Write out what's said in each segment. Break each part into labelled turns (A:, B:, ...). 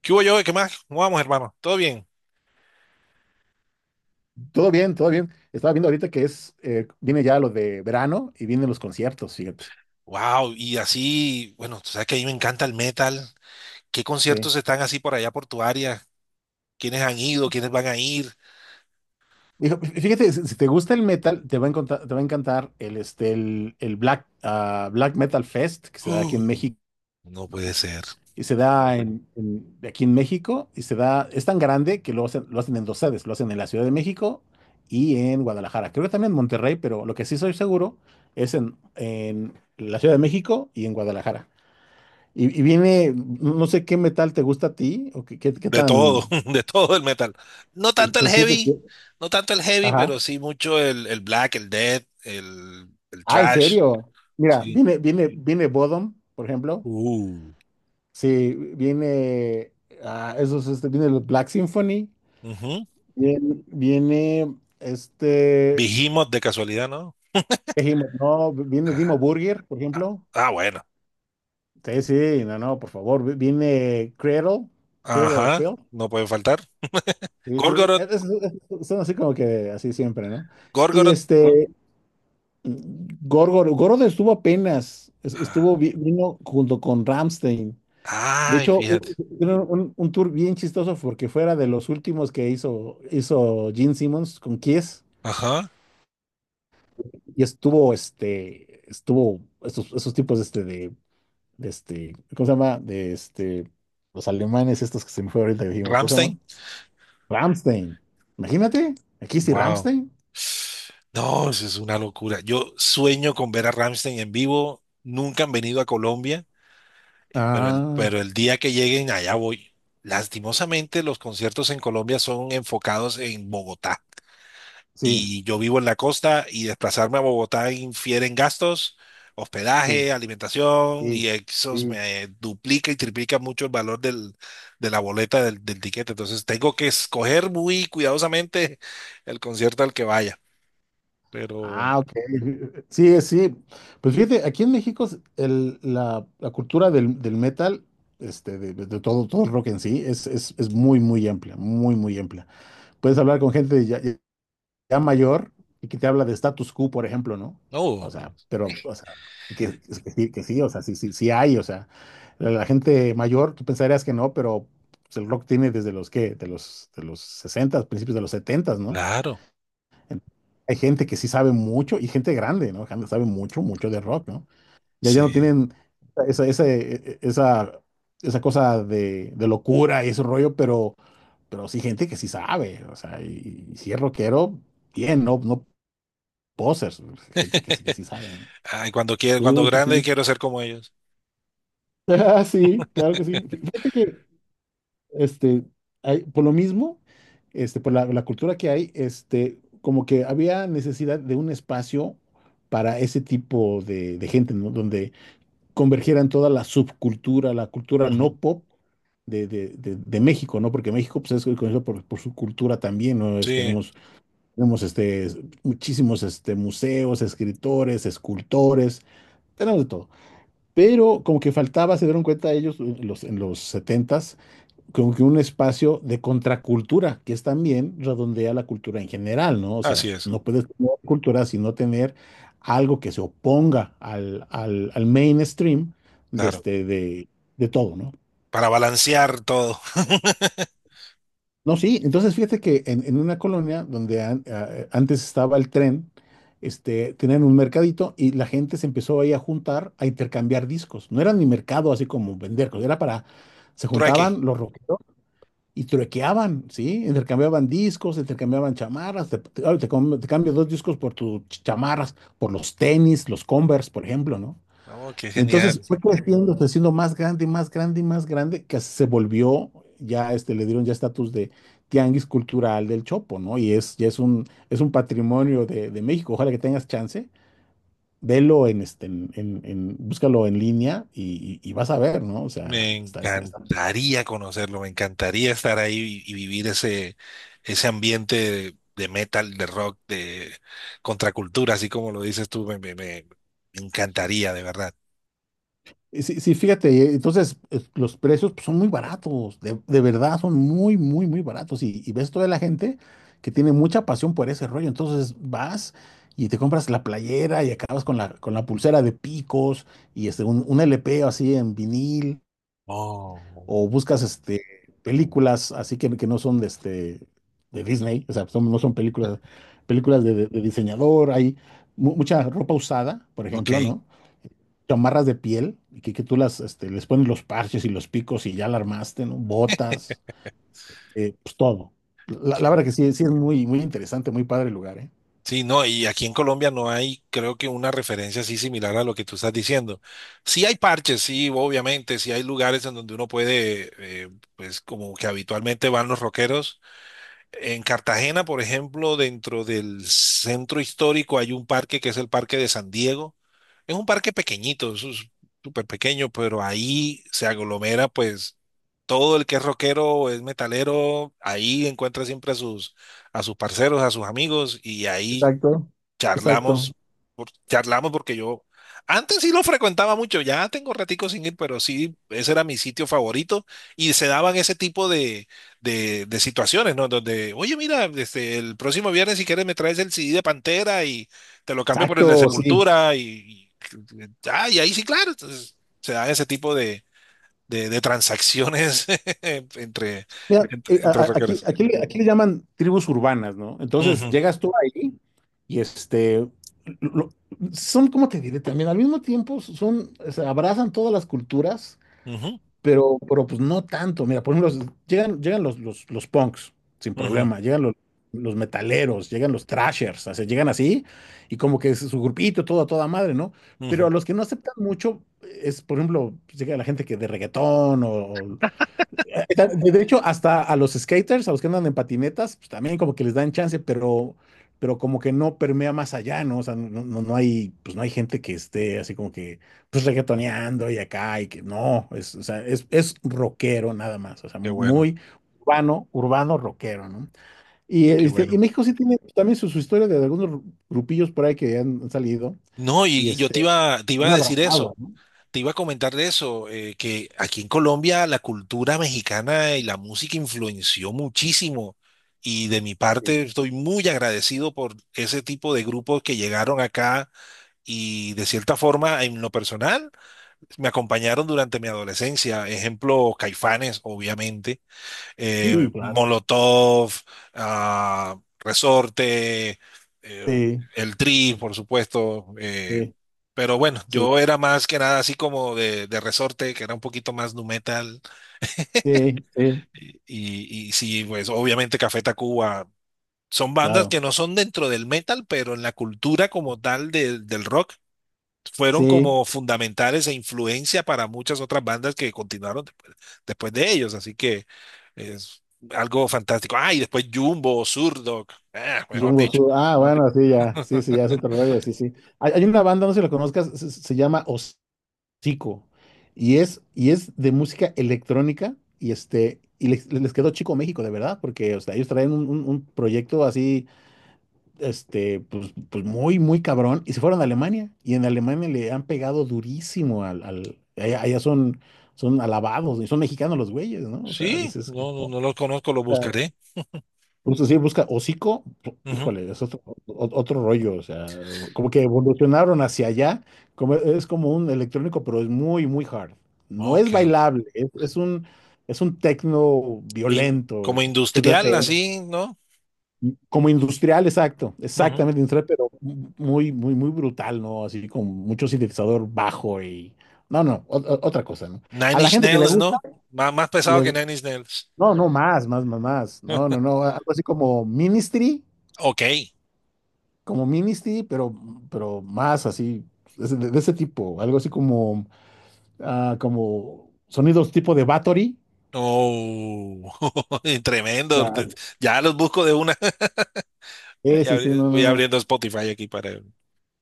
A: ¿Qué hubo yo? ¿Qué más? ¿Cómo vamos, hermano? ¿Todo bien?
B: Todo bien, todo bien. Estaba viendo ahorita que es, viene ya lo de verano y vienen los conciertos, fíjate.
A: Wow, y así, bueno, tú sabes que a mí me encanta el metal. ¿Qué
B: Sí.
A: conciertos están así por allá por tu área? ¿Quiénes han ido? ¿Quiénes van a ir?
B: Dijo, fíjate, si te gusta el metal, te va a encantar el Black Metal Fest que se da aquí en
A: Uh,
B: México.
A: no puede ser.
B: Y se da aquí en México, y se da, es tan grande que lo hacen en dos sedes, lo hacen en la Ciudad de México y en Guadalajara. Creo que también en Monterrey, pero lo que sí soy seguro es en la Ciudad de México y en Guadalajara. Y viene, no sé qué metal te gusta a ti, o qué
A: De todo,
B: tan.
A: de todo el metal. No tanto el
B: Pues fíjate
A: heavy,
B: que.
A: no tanto el heavy,
B: Ajá.
A: pero sí mucho el black, el death, el
B: Ah, en
A: thrash.
B: serio. Mira,
A: Sí.
B: viene Bodom, por ejemplo.
A: Uh.
B: Sí, viene. Ah, viene el Black Symphony.
A: Ujú.
B: Viene.
A: Behemoth de casualidad, ¿no?
B: Dijimos no, viene Dimo
A: Ah,
B: Burger, por
A: ah,
B: ejemplo.
A: ah, bueno.
B: Sí, sí, no, no, por favor. Viene Cradle, Cradle of
A: Ajá,
B: Filth.
A: no puede faltar.
B: Sí, sí.
A: Gorgoroth,
B: Son así como que así siempre, ¿no? Y
A: Gorgoroth, ¿no?
B: este. Gorgoroth estuvo apenas,
A: Ah,
B: vino junto con Ramstein. De
A: ay,
B: hecho, u-
A: fíjate.
B: hicieron un tour bien chistoso porque fuera de los últimos que hizo, hizo Gene Simmons con Kiss,
A: Ajá.
B: y estuvo, estuvo esos tipos de ¿cómo se llama? Los alemanes estos, que se me fue ahorita, ¿cómo se llama?
A: Ramstein.
B: Ramstein. Imagínate, aquí sí
A: Wow.
B: Ramstein.
A: No, eso es una locura. Yo sueño con ver a Ramstein en vivo. Nunca han venido a Colombia,
B: Ah,
A: pero el día que lleguen allá voy. Lastimosamente, los conciertos en Colombia son enfocados en Bogotá.
B: sí,
A: Y yo vivo en la costa y desplazarme a Bogotá infiere en gastos,
B: sí,
A: hospedaje, alimentación
B: sí.
A: y eso
B: Sí.
A: me duplica y triplica mucho el valor del, de la boleta del, del tiquete. Entonces tengo que escoger muy cuidadosamente el concierto al que vaya. Pero,
B: Ah, ok. Sí, sí. Pues fíjate, aquí en México la cultura del metal, de, todo, todo el rock en sí, es muy, muy amplia, muy, muy amplia. Puedes hablar con gente ya mayor y que te habla de status quo, por ejemplo, ¿no? O
A: no,
B: sea, pero, o sea, y que sí, que sí, o sea, sí, sí, sí hay, o sea, la gente mayor, tú pensarías que no, pero pues, el rock tiene desde los, ¿qué? De los 60, principios de los 70, ¿no?
A: claro,
B: Hay gente que sí sabe mucho, y gente grande, ¿no? Gente que sabe mucho, mucho de rock, ¿no? Ya
A: sí.
B: no tienen esa, esa, e- esa, esa cosa de locura y ese rollo, pero sí, gente que sí sabe, o sea, y si es rockero, bien, no, no posers, gente que sí sabe, ¿no?
A: Ay, cuando quiero, cuando
B: Sí, sí,
A: grande
B: sí.
A: quiero ser como ellos.
B: Ah, sí, claro que sí. Fíjate que este, por lo mismo, por la cultura que hay, como que había necesidad de un espacio para ese tipo de gente, ¿no? Donde convergieran toda la subcultura, la cultura no
A: Ujú,
B: pop de México, ¿no? Porque México, pues, es conocido por su cultura también, ¿no? Es-
A: sí,
B: tenemos, tenemos, este, es- muchísimos, museos, escritores, escultores, tenemos de todo. Pero como que faltaba, se dieron cuenta ellos en los 70, como que un espacio de contracultura, que es también redondea la cultura en general, ¿no? O sea,
A: así es,
B: no puedes tener cultura sino tener algo que se oponga al mainstream de,
A: claro.
B: este, de, de todo, ¿no?
A: Para balancear todo.
B: No, sí, entonces fíjate que en una colonia donde antes estaba el tren, tenían un mercadito y la gente se empezó ahí a juntar, a intercambiar discos. No era ni mercado así como vender, era para, se
A: Trueque.
B: juntaban los rockeros. Y truequeaban, ¿sí? Intercambiaban discos, intercambiaban chamarras, te cambio dos discos por tus chamarras, por los tenis, los Converse, por ejemplo, ¿no?
A: Oh, qué
B: Y entonces
A: genial.
B: fue creciendo, fue siendo más grande, y más grande, y más grande, que se volvió, le dieron ya estatus de tianguis cultural del Chopo, ¿no? Y es, ya es un patrimonio de México. Ojalá que tengas chance, velo en, este, en- búscalo en línea, y vas a ver, ¿no? O sea,
A: Me
B: está.
A: encantaría conocerlo, me encantaría estar ahí y vivir ese, ese ambiente de metal, de rock, de contracultura, así como lo dices tú, me encantaría, de verdad.
B: Sí, sí, fíjate, entonces los precios pues, son muy baratos, de verdad son muy, muy, muy baratos. Y ves toda la gente que tiene mucha pasión por ese rollo. Entonces vas y te compras la playera y acabas con la pulsera de picos, y un LP así en vinil,
A: Oh,
B: o buscas películas así que no son de Disney, o sea, no son películas de diseñador, hay mucha ropa usada, por ejemplo,
A: ok.
B: ¿no? Chamarras de piel, y que tú les pones los parches y los picos, y ya la armaste, ¿no? Botas, pues todo. La
A: Ok.
B: verdad que sí, sí es muy, muy interesante, muy padre el lugar, ¿eh?
A: Sí, no, y aquí en Colombia no hay, creo que una referencia así similar a lo que tú estás diciendo. Sí hay parches, sí, obviamente, sí hay lugares en donde uno puede, eh, pues como que habitualmente van los rockeros. En Cartagena, por ejemplo, dentro del centro histórico hay un parque que es el Parque de San Diego. Es un parque pequeñito, súper pequeño, pero ahí se aglomera pues todo el que es rockero, es metalero, ahí encuentra siempre a sus parceros, a sus amigos y ahí
B: Exacto. Exacto.
A: charlamos, charlamos porque yo antes sí lo frecuentaba mucho, ya tengo ratico sin ir, pero sí, ese era mi sitio favorito y se daban ese tipo de, de situaciones, ¿no? Donde, oye, mira, este, el próximo viernes si quieres me traes el CD de Pantera y te lo cambio por el de
B: Exacto, sí.
A: Sepultura y, ah, y ahí sí, claro, entonces se dan ese tipo de, de transacciones entre,
B: Mira,
A: entre,
B: a-
A: entre
B: a- aquí,
A: rockeros.
B: aquí, le- aquí le llaman tribus urbanas, ¿no? Entonces
A: Ujú,
B: llegas tú ahí y lo- son, ¿cómo te diré? También al mismo tiempo se abrazan todas las culturas.
A: ujú,
B: Pero pues no tanto. Mira, por ejemplo, llegan los punks sin
A: ujú,
B: problema, llegan los metaleros, llegan los thrashers, o sea, llegan así, y como que es su grupito, todo a toda madre, ¿no? Pero a
A: ujú.
B: los que no aceptan mucho es, por ejemplo, pues, llega la gente que de reggaetón o, de hecho, hasta a los skaters, a los que andan en patinetas, pues también como que les dan chance, pero como que no permea más allá, ¿no? O sea, no, no, no hay, pues no hay gente que esté así como que, pues reggaetoneando y acá, y que no, o sea, es rockero nada más, o sea,
A: Qué bueno,
B: muy urbano, urbano rockero, ¿no? Y,
A: qué
B: este, y
A: bueno.
B: México sí tiene también su historia de algunos grupillos por ahí que han salido
A: No,
B: y
A: y yo
B: este,
A: te iba
B: bien
A: a decir
B: abrazado,
A: eso,
B: ¿no?
A: te iba a comentar de eso, que aquí en Colombia la cultura mexicana y la música influenció muchísimo. Y de mi
B: Sí,
A: parte estoy muy agradecido por ese tipo de grupos que llegaron acá y de cierta forma en lo personal me acompañaron durante mi adolescencia. Ejemplo, Caifanes, obviamente
B: sí, claro.
A: Molotov, ah, Resorte, eh,
B: Sí,
A: el Tri, por supuesto.
B: sí,
A: Pero bueno,
B: sí,
A: yo era más que nada así como de Resorte, que era un poquito más nu metal.
B: sí, sí,
A: Y, y sí, pues obviamente Café Tacuba. Son bandas
B: claro.
A: que no son dentro del metal, pero en la cultura como tal del del rock fueron
B: Sí,
A: como fundamentales e influencia para muchas otras bandas que continuaron después, después de ellos. Así que es algo fantástico. Ah, y después Jumbo, Zurdok, ah, mejor
B: Jumbo
A: dicho.
B: Ah, bueno, sí, ya. Sí, sí, ya es otro rollo, sí, sí. Hay una banda, no sé si la conozcas, se llama Hocico. Es de música electrónica. Y les quedó Chico México, de verdad, porque o sea, ellos traen un proyecto así, pues muy, muy cabrón. Y se fueron a Alemania. Y en Alemania le han pegado durísimo allá son, son alabados, y son mexicanos los güeyes, ¿no? O sea,
A: Sí,
B: dices,
A: no, no, no los conozco, los buscaré.
B: justo sí, busca Hocico, pu-
A: Ujú.
B: híjole, es otro, otro rollo, o sea, como que evolucionaron hacia allá, es como un electrónico, pero es muy, muy hard. No
A: Ok.
B: es bailable, es un techno violento,
A: Como
B: con muchos
A: industrial,
B: BPM,
A: así, ¿no?
B: como industrial, exacto,
A: Ujú.
B: exactamente industrial, pero muy, muy, muy brutal, ¿no? Así con mucho sintetizador bajo y, no, no, otra cosa, ¿no?
A: Nine
B: A la
A: Inch
B: gente que le
A: Nails,
B: gusta,
A: ¿no? Más pesado que
B: le-
A: Nine Inch Nails.
B: no, no, más, más, más, más, no, no, no, algo así como Ministry.
A: Ok.
B: Como Ministry, pero más así, de ese tipo, algo así como sonidos tipo de Battery.
A: Oh,
B: O
A: tremendo.
B: sea,
A: Ya los busco de una.
B: sí, sí, sí, no, no,
A: Voy
B: no.
A: abriendo Spotify aquí para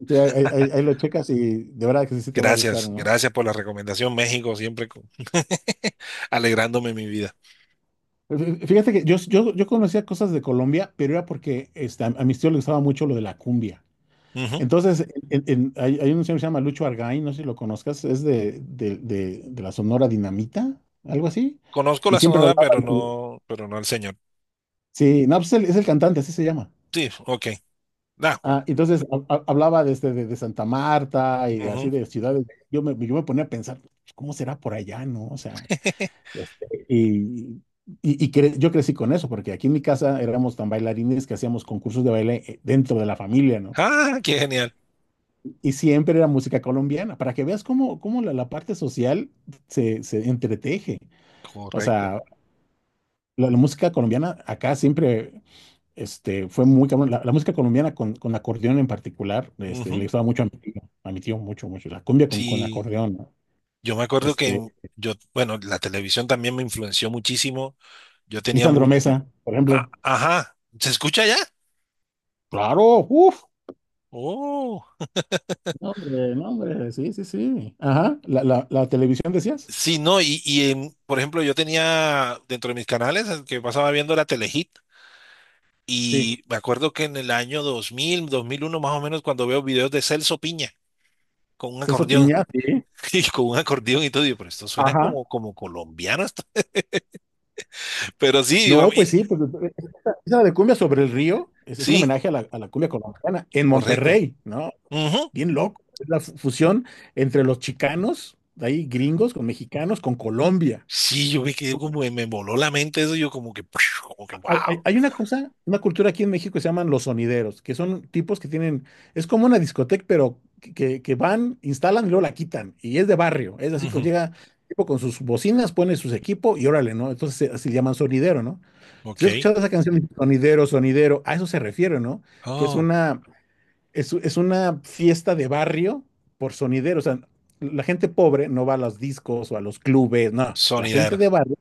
B: Sí, ahí lo checas, y de verdad que sí, sí te va a gustar,
A: gracias,
B: ¿no?
A: gracias por la recomendación. México siempre con- alegrándome mi vida.
B: Fíjate que yo conocía cosas de Colombia, pero era porque a mis tíos les gustaba mucho lo de la cumbia.
A: Ujú.
B: Entonces, hay un señor que se llama Lucho Argaín, no sé si lo conozcas, es de la Sonora Dinamita, algo así.
A: Conozco
B: Y
A: la
B: siempre
A: Sonora,
B: hablaba
A: pero no al señor.
B: sí, no, pues es el cantante, así se llama.
A: Sí, ok. Da, Juan.
B: Ah, entonces hablaba de Santa Marta y
A: Ujú.
B: así de ciudades. Yo me ponía a pensar, pues, ¿cómo será por allá, no? O sea, este, y, yo crecí con eso, porque aquí en mi casa éramos tan bailarines que hacíamos concursos de baile, dentro de la familia, ¿no?
A: Ah, qué genial.
B: Y siempre era música colombiana, para que veas cómo, cómo la parte social se entreteje. O
A: Correcto.
B: sea, la música colombiana acá siempre. Fue muy cabrón. La música colombiana con acordeón en particular, le
A: Ujú.
B: gustaba mucho a mi tío mucho, mucho. La cumbia con
A: Sí,
B: acordeón, ¿no?
A: yo me acuerdo que
B: Este,
A: yo, bueno, la televisión también me influenció muchísimo. Yo
B: y
A: tenía
B: Sandro
A: muy,
B: Mesa, por
A: ah,
B: ejemplo.
A: ajá, ¿se escucha ya?
B: Claro, uff.
A: Oh,
B: No, hombre, no, hombre, sí, sí, sí. Ajá, la televisión decías.
A: sí, no, y por ejemplo, yo tenía dentro de mis canales el que pasaba viendo la Telehit.
B: Sí,
A: Y me acuerdo que en el año 2000, 2001 más o menos, cuando veo videos de Celso Piña con un
B: Celso
A: acordeón
B: Piña, sí.
A: y con un acordeón y todo, digo, pero esto suena
B: Ajá.
A: como, como colombiano, esto". Pero sí,
B: No, pues sí, pues, esa de cumbia sobre el río es un
A: sí,
B: homenaje a la cumbia colombiana en
A: correcto.
B: Monterrey, ¿no?
A: Ujú.
B: Bien loco. Es la fusión entre los chicanos, de ahí gringos, con mexicanos, con Colombia.
A: Sí, yo me quedé como, me voló la mente eso, yo como que, como que, wow.
B: Hay una cosa, una cultura aquí en México que se llaman los sonideros, que son tipos que tienen, es como una discoteca, pero que van, instalan y luego la quitan. Y es de barrio, es así como
A: Ujú.
B: llega tipo con sus bocinas, pone sus equipos y órale, ¿no? Entonces así le llaman sonidero, ¿no? Si
A: Ok.
B: has escuchado esa canción, sonidero, sonidero, a eso se refiere, ¿no? Que es
A: Oh,
B: una, es una fiesta de barrio por sonidero. O sea, la gente pobre no va a los discos o a los clubes, no, la gente de
A: sonideros,
B: barrio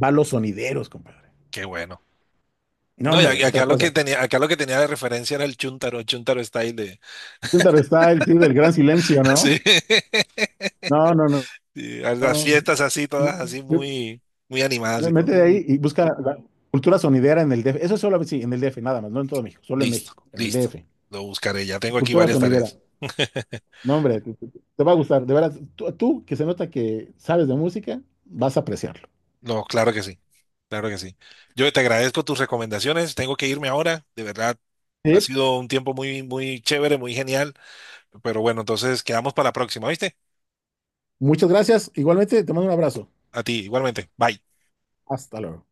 B: va a los sonideros, compadre.
A: qué bueno.
B: No,
A: No,
B: hombre,
A: y
B: otra
A: acá lo que
B: cosa.
A: tenía, acá lo que tenía de referencia era el chuntaro, chuntaro style de,
B: Filter Style, sí, del gran silencio, ¿no?
A: sí,
B: No, no, no.
A: sí, a las
B: No.
A: fiestas así, todas así
B: Yo-
A: muy, muy animadas
B: yo-
A: y todo.
B: Mete ahí y busca la cultura sonidera en el DF. Eso solo, sí, en el DF, nada más, no en todo México, solo en
A: Listo,
B: México, en el
A: listo.
B: DF.
A: Lo buscaré. Ya tengo aquí
B: Cultura
A: varias
B: sonidera.
A: tareas.
B: No, hombre, te va a gustar. De verdad, tú, que se nota que sabes de música, vas a apreciarlo.
A: No, claro que sí. Claro que sí. Yo te agradezco tus recomendaciones. Tengo que irme ahora. De verdad, ha
B: Sí.
A: sido un tiempo muy, muy chévere, muy genial. Pero bueno, entonces quedamos para la próxima, ¿viste?
B: Muchas gracias. Igualmente, te mando un abrazo.
A: A ti, igualmente. Bye.
B: Hasta luego.